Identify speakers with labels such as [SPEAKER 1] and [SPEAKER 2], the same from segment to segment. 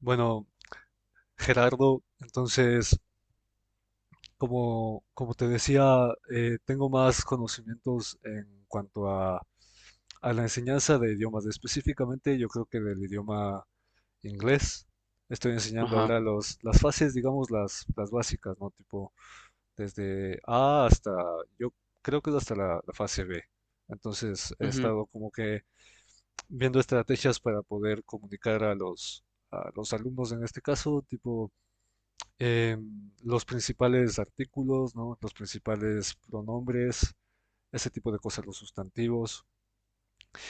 [SPEAKER 1] Bueno, Gerardo, entonces, como te decía, tengo más conocimientos en cuanto a la enseñanza de idiomas, específicamente yo creo que del idioma inglés. Estoy enseñando
[SPEAKER 2] Ajá.
[SPEAKER 1] ahora las fases, digamos, las básicas, ¿no? Tipo, desde A hasta, yo creo que es hasta la fase B. Entonces, he
[SPEAKER 2] Ujú,
[SPEAKER 1] estado como que viendo estrategias para poder comunicar a a los alumnos en este caso, tipo eh, los principales artículos, ¿no? Los principales pronombres, ese tipo de cosas, los sustantivos.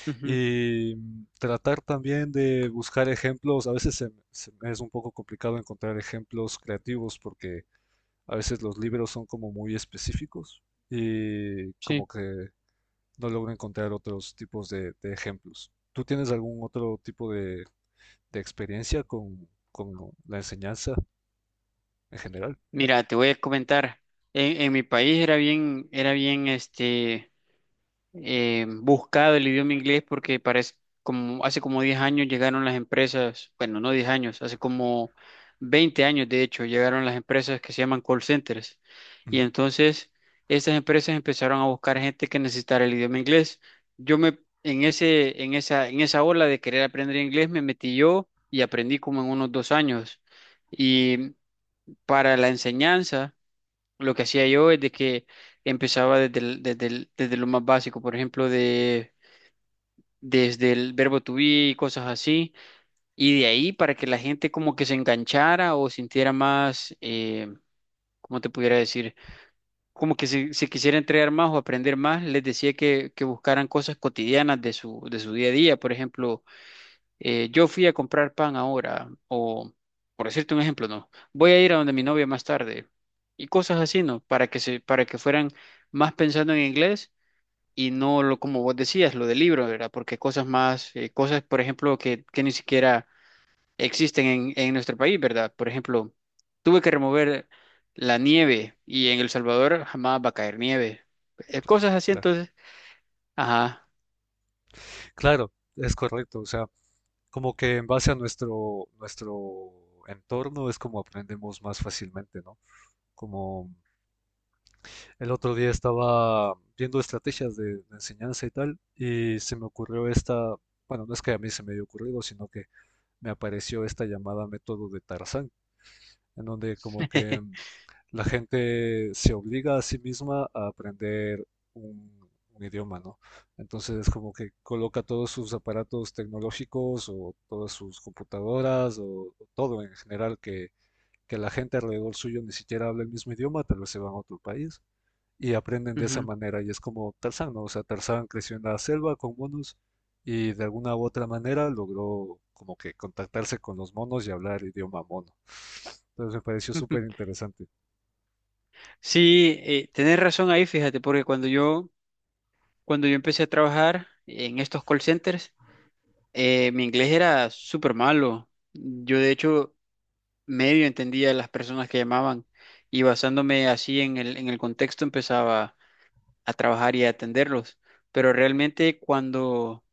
[SPEAKER 2] ujú,
[SPEAKER 1] Y tratar también de buscar ejemplos. A veces se es un poco complicado encontrar ejemplos creativos porque a veces los libros son como muy específicos y como
[SPEAKER 2] sí.
[SPEAKER 1] que no logro encontrar otros tipos de ejemplos. ¿Tú tienes algún otro tipo de experiencia con la enseñanza en general?
[SPEAKER 2] Mira, te voy a comentar. En mi país era bien, buscado el idioma inglés porque parece como hace como 10 años llegaron las empresas, bueno, no 10 años, hace como 20 años de hecho, llegaron las empresas que se llaman call centers. Y
[SPEAKER 1] Ujú,
[SPEAKER 2] entonces estas empresas empezaron a buscar gente que necesitara el idioma inglés. Yo me en ese en esa ola de querer aprender inglés me metí yo y aprendí como en unos 2 años. Y para la enseñanza lo que hacía yo es de que empezaba desde lo más básico, por ejemplo, de, desde el verbo to be y cosas así, y de ahí para que la gente como que se enganchara o sintiera más, ¿cómo te pudiera decir? Como que se quisiera entregar más o aprender más, les decía que buscaran cosas cotidianas de de su día a día, por ejemplo yo fui a comprar pan ahora, o por decirte un ejemplo, no, voy a ir a donde mi novia más tarde, y cosas así, ¿no? Para que para que fueran más pensando en inglés y no lo, como vos decías, lo del libro, ¿verdad? Porque cosas más, cosas, por ejemplo, que ni siquiera existen en nuestro país, ¿verdad? Por ejemplo, tuve que remover la nieve y en El Salvador jamás va a caer nieve. Cosas así,
[SPEAKER 1] claro.
[SPEAKER 2] entonces, ajá.
[SPEAKER 1] Claro, es correcto. O sea, como que en base a nuestro entorno es como aprendemos más fácilmente, ¿no? Como el otro día estaba viendo estrategias de enseñanza y tal, y se me ocurrió esta, bueno, no es que a mí se me haya ocurrido, sino que me apareció esta llamada método de Tarzán en donde como que la gente se obliga a sí misma a aprender un, un idioma, ¿no? Entonces como que coloca todos sus aparatos tecnológicos o todas sus computadoras o todo en general que la gente alrededor suyo ni siquiera habla el mismo idioma, tal vez se van a otro país y aprenden de esa
[SPEAKER 2] Ujú.
[SPEAKER 1] manera. Y es como Tarzán, ¿no? O sea, Tarzán creció en la selva con monos y de alguna u otra manera logró como que contactarse con los monos y hablar idioma mono. Entonces me pareció súper interesante.
[SPEAKER 2] Sí, tenés razón ahí, fíjate, porque cuando yo empecé a trabajar en estos call centers, mi inglés era súper malo. Yo, de hecho, medio entendía a las personas que llamaban y basándome así en en el contexto empezaba a trabajar y a atenderlos. Pero realmente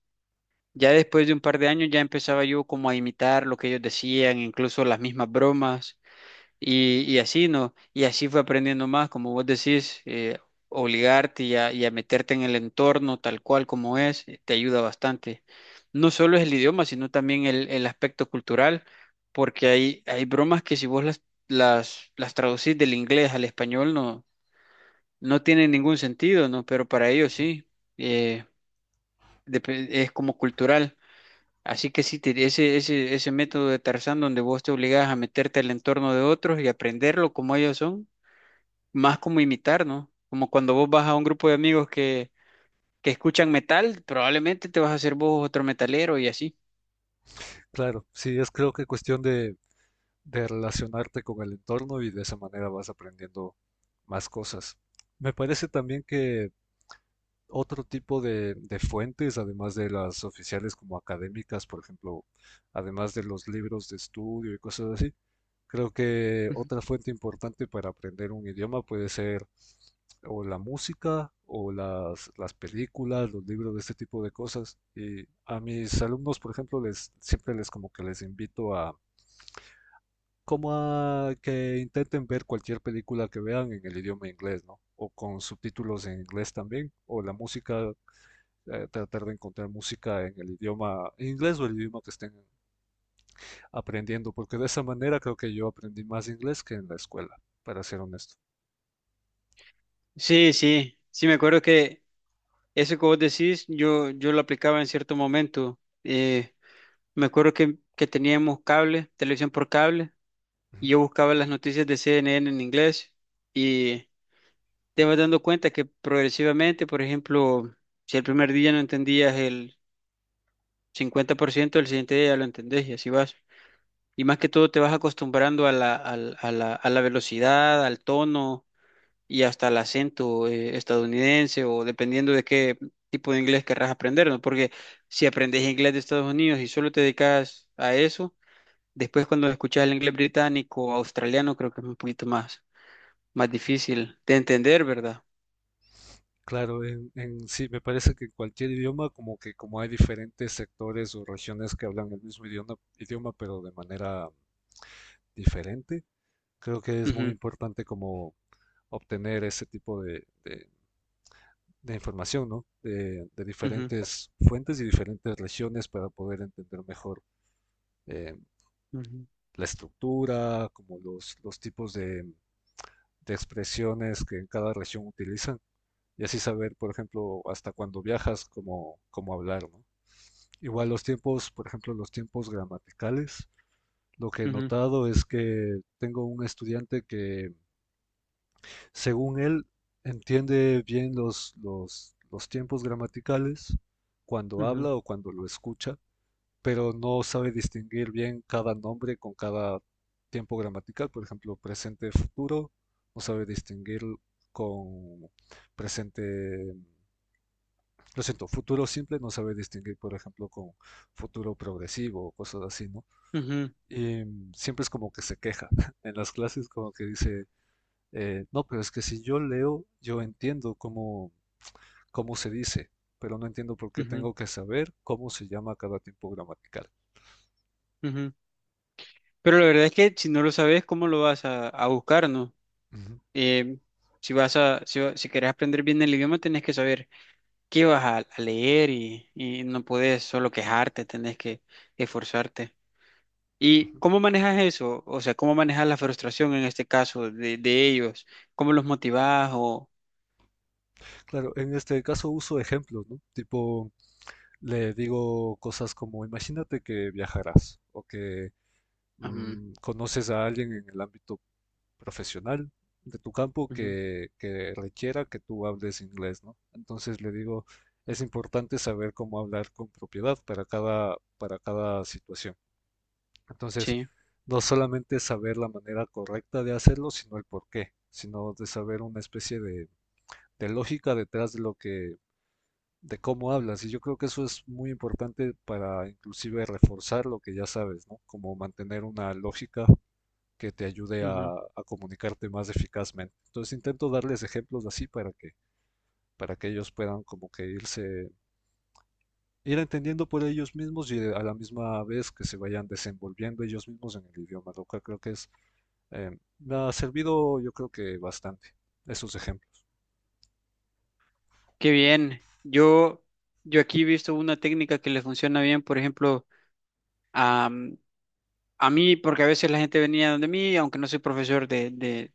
[SPEAKER 2] ya después de un par de años, ya empezaba yo como a imitar lo que ellos decían, incluso las mismas bromas. Y así no, y así fue aprendiendo más, como vos decís, obligarte y a meterte en el entorno tal cual como es, te ayuda bastante. No solo es el idioma, sino también el aspecto cultural, porque hay bromas que si vos las traducís del inglés al español no tienen ningún sentido, ¿no? Pero para ellos sí, eh, es como cultural. Así que sí, ese método de Tarzán donde vos te obligás a meterte al entorno de otros y aprenderlo como ellos son más como imitar, ¿no? Como cuando vos vas a un grupo de amigos que escuchan metal, probablemente te vas a hacer vos otro metalero y así.
[SPEAKER 1] Claro, sí, es creo que cuestión de relacionarte con el entorno y de esa manera vas aprendiendo más cosas. Me parece también que otro tipo de fuentes, además de las oficiales como académicas, por ejemplo, además de los libros de estudio y cosas así, creo que
[SPEAKER 2] Ujú.
[SPEAKER 1] otra fuente importante para aprender un idioma puede ser o la música o las películas, los libros, de este tipo de cosas. Y a mis alumnos, por ejemplo, les, siempre les como que les invito a como a que intenten ver cualquier película que vean en el idioma inglés, ¿no? O con subtítulos en inglés también, o la música, tratar de encontrar música en el idioma inglés o el idioma que estén aprendiendo, porque de esa manera creo que yo aprendí más inglés que en la escuela, para ser honesto.
[SPEAKER 2] Sí, sí, sí, me acuerdo que eso que vos decís, yo lo aplicaba en cierto momento. Me acuerdo que teníamos cable, televisión por cable,
[SPEAKER 1] Ujú.
[SPEAKER 2] y yo buscaba las noticias de CNN en inglés y te vas dando cuenta que progresivamente, por ejemplo, si el primer día no entendías el 50%, el siguiente día ya lo entendés y así vas. Y más que todo te vas acostumbrando a la, al- a la velocidad, al tono y hasta al acento estadounidense o dependiendo de qué tipo de inglés querrás aprender, ¿no? Porque si aprendes inglés de Estados Unidos y solo te dedicas a eso, después cuando escuchas el inglés británico o australiano creo que es un poquito más, más difícil de entender, ¿verdad?
[SPEAKER 1] Claro, en sí, me parece que en cualquier idioma, como que como hay diferentes sectores o regiones que hablan el mismo idioma, pero de manera diferente, creo que es muy
[SPEAKER 2] Ujú,
[SPEAKER 1] importante como obtener ese tipo de, de información, ¿no? De
[SPEAKER 2] ujú,
[SPEAKER 1] diferentes fuentes y diferentes regiones para poder entender mejor eh,
[SPEAKER 2] ujú,
[SPEAKER 1] la estructura, como los tipos de expresiones que en cada región utilizan y así saber, por ejemplo, hasta cuando viajas, cómo, cómo hablar, ¿no? Igual los tiempos, por ejemplo, los tiempos gramaticales. Lo que he
[SPEAKER 2] ujú,
[SPEAKER 1] notado es que tengo un estudiante que, según él, entiende bien los tiempos gramaticales cuando
[SPEAKER 2] ujú,
[SPEAKER 1] habla o cuando lo escucha, pero no sabe distinguir bien cada nombre con cada tiempo gramatical, por ejemplo, presente, futuro, no sabe distinguir con presente, lo siento, futuro simple, no sabe distinguir, por ejemplo, con futuro progresivo o cosas así, ¿no?
[SPEAKER 2] ujú,
[SPEAKER 1] Y siempre es como que se queja en las clases, como que dice, no, pero es que si yo leo, yo entiendo cómo, cómo se dice, pero no entiendo por qué
[SPEAKER 2] ujú,
[SPEAKER 1] tengo que saber cómo se llama cada tiempo gramatical.
[SPEAKER 2] ujú. Pero la verdad es que si no lo sabes, ¿cómo lo vas a buscar, no? eh, si vas a, si, si querés aprender bien el idioma, tenés que saber qué vas a leer y no podés solo quejarte, tenés que esforzarte. ¿Y
[SPEAKER 1] Ujú.
[SPEAKER 2] cómo manejas eso? O sea, ¿cómo manejas la frustración en este caso de ellos? ¿Cómo los motivás? O...
[SPEAKER 1] Claro, en este caso uso ejemplos, ¿no? Tipo, le digo cosas como, imagínate que viajarás o que
[SPEAKER 2] Ujú,
[SPEAKER 1] conoces a alguien en el ámbito profesional de tu campo
[SPEAKER 2] ujú,
[SPEAKER 1] que requiera que tú hables inglés, ¿no? Entonces le digo, es importante saber cómo hablar con propiedad para cada situación. Entonces,
[SPEAKER 2] sí,
[SPEAKER 1] no solamente saber la manera correcta de hacerlo, sino el por qué, sino de saber una especie de lógica detrás de lo que de cómo hablas. Y yo creo que eso es muy importante para inclusive reforzar lo que ya sabes, ¿no? Como mantener una lógica que te ayude
[SPEAKER 2] ujú.
[SPEAKER 1] a comunicarte más eficazmente. Entonces intento darles ejemplos así para que ellos puedan como que irse, ir entendiendo por ellos mismos y a la misma vez que se vayan desenvolviendo ellos mismos en el idioma, lo cual creo que es, eh, me ha servido yo creo que bastante esos ejemplos.
[SPEAKER 2] Qué bien. Yo aquí he visto una técnica que le funciona bien, por ejemplo, a mí, porque a veces la gente venía donde mí, aunque no soy profesor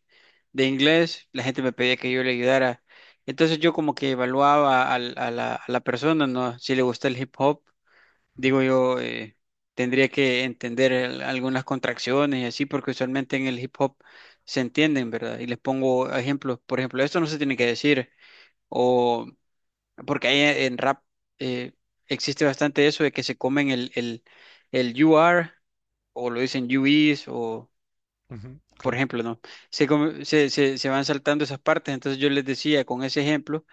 [SPEAKER 2] de inglés, la gente me pedía que yo le ayudara. Entonces yo como que evaluaba a la persona, ¿no? Si le gusta el hip hop,
[SPEAKER 1] Ujú,
[SPEAKER 2] digo yo, tendría que entender el- algunas contracciones y así, porque usualmente en el hip hop se entienden, ¿verdad? Y les pongo ejemplos, por ejemplo, esto no se tiene que decir, o porque ahí en rap eh, existe bastante eso de que se comen el you are, o lo dicen you is,
[SPEAKER 1] ujú,
[SPEAKER 2] por ejemplo, ¿no? Se, come- se van saltando esas partes, entonces yo les decía con ese ejemplo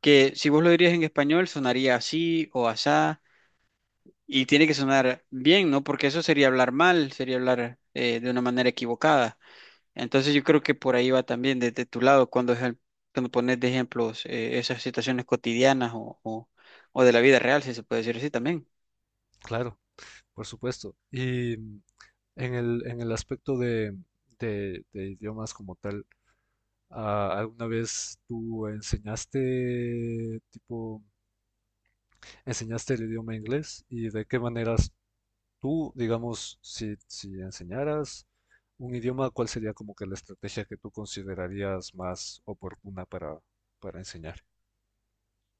[SPEAKER 2] que si vos lo dirías en español sonaría así o asá y tiene que sonar bien, ¿no? Porque eso sería hablar mal, sería hablar de una manera equivocada. Entonces yo creo que por ahí va también desde tu lado cuando pones de ejemplos esas situaciones cotidianas o de la vida real, si se puede decir así también.
[SPEAKER 1] claro, por supuesto. Y en el, en el aspecto de, de idiomas como tal, ah, ¿alguna vez tú enseñaste, tipo, enseñaste el idioma inglés? ¿Y de qué maneras tú, digamos, si, si enseñaras un idioma, cuál sería como que la estrategia que tú considerarías más oportuna para enseñar?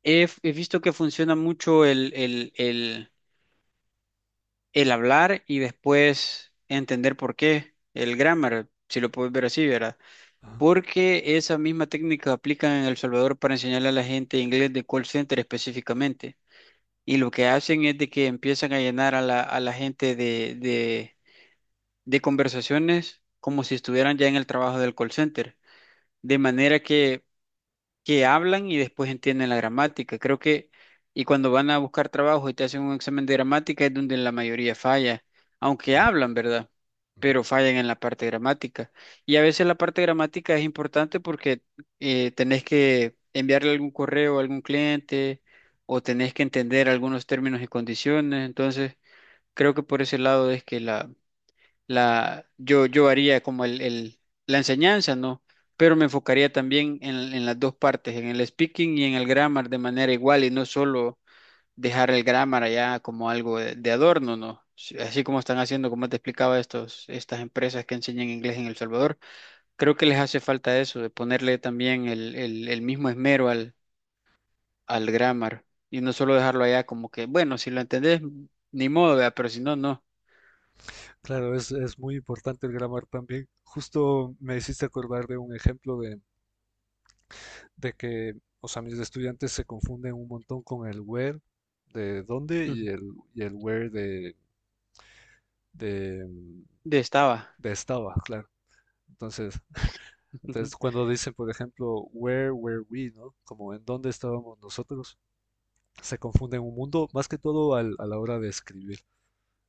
[SPEAKER 2] He visto que funciona mucho el hablar y después entender por qué, el grammar, si lo puedes ver así, ¿verdad?
[SPEAKER 1] Ah,
[SPEAKER 2] Porque esa misma técnica aplican en El Salvador para enseñarle a la gente inglés de call center específicamente. Y lo que hacen es de que empiezan a llenar a a la gente de conversaciones como si estuvieran ya en el trabajo del call center. De manera que hablan y después entienden la gramática. Creo que, y cuando van a buscar trabajo y te hacen un examen de gramática es donde la mayoría falla, aunque
[SPEAKER 1] claro.
[SPEAKER 2] hablan, ¿verdad?
[SPEAKER 1] Ujú.
[SPEAKER 2] Pero fallan en la parte gramática. Y a veces la parte gramática es importante porque tenés que enviarle algún correo a algún cliente o tenés que entender algunos términos y condiciones. Entonces, creo que por ese lado es que yo haría como la enseñanza, ¿no? Pero me enfocaría también en las dos partes, en el speaking y en el grammar de manera igual y no solo dejar el grammar allá como algo de adorno, ¿no? Si- Así como están haciendo, como te explicaba, estas empresas que enseñan inglés en El Salvador, creo que les hace falta eso, de ponerle también el mismo esmero al grammar y no solo dejarlo allá como que, bueno, si lo entendés, ni modo, ¿verdad? Pero si no, no.
[SPEAKER 1] Claro, es muy importante el grammar también. Justo me hiciste acordar de un ejemplo de que, o sea, mis estudiantes se confunden un montón con el where de dónde
[SPEAKER 2] Ujú.
[SPEAKER 1] y el where de,
[SPEAKER 2] De estaba.
[SPEAKER 1] de estaba, claro. Entonces,
[SPEAKER 2] Ujú.
[SPEAKER 1] entonces, cuando dicen, por ejemplo, where were we, ¿no? Como en dónde estábamos nosotros, se confunden un mundo, más que todo a la hora de escribir.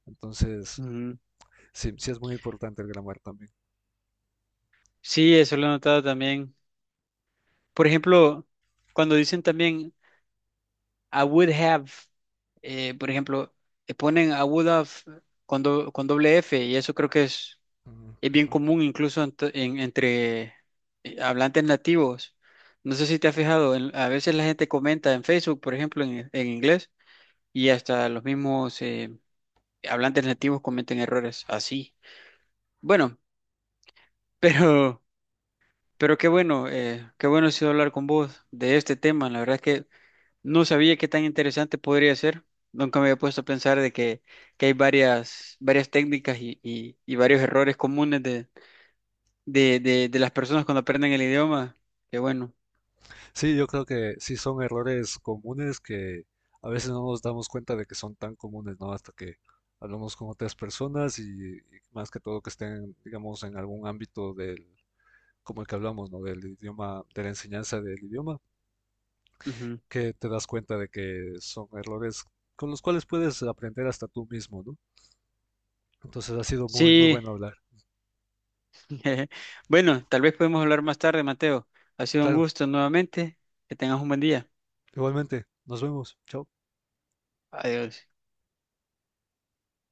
[SPEAKER 1] Entonces,
[SPEAKER 2] Ujú.
[SPEAKER 1] sí, sí es muy importante el grammar también.
[SPEAKER 2] Sí, eso lo he notado también. Por ejemplo, cuando dicen también I would have, por ejemplo, ponen I would have con doble F y eso creo que
[SPEAKER 1] Ujú,
[SPEAKER 2] es bien
[SPEAKER 1] ujú.
[SPEAKER 2] común incluso entre hablantes nativos. No sé si te has fijado, en- a veces la gente comenta en Facebook, por ejemplo, en inglés y hasta los mismos hablantes nativos cometen errores así. Bueno, pero, pero qué bueno ha sido hablar con vos de este tema. La verdad es que no sabía qué tan interesante podría ser. Nunca me había puesto a pensar de que hay varias, varias técnicas y varios errores comunes de las personas cuando aprenden el idioma. Qué bueno.
[SPEAKER 1] Sí, yo creo que sí son errores comunes que a veces no nos damos cuenta de que son tan comunes, ¿no? Hasta que hablamos con otras personas y más que todo que estén, digamos, en algún ámbito del, como el que hablamos, ¿no? Del idioma, de la enseñanza del idioma,
[SPEAKER 2] Ujú.
[SPEAKER 1] que te das cuenta de que son errores con los cuales puedes aprender hasta tú mismo, ¿no? Entonces ha sido muy, muy
[SPEAKER 2] Sí,
[SPEAKER 1] bueno hablar.
[SPEAKER 2] bueno, tal vez podemos hablar más tarde, Mateo. Ha sido un
[SPEAKER 1] Claro,
[SPEAKER 2] gusto nuevamente. Que tengas un buen día.
[SPEAKER 1] igualmente, nos vemos. Chao.
[SPEAKER 2] Adiós.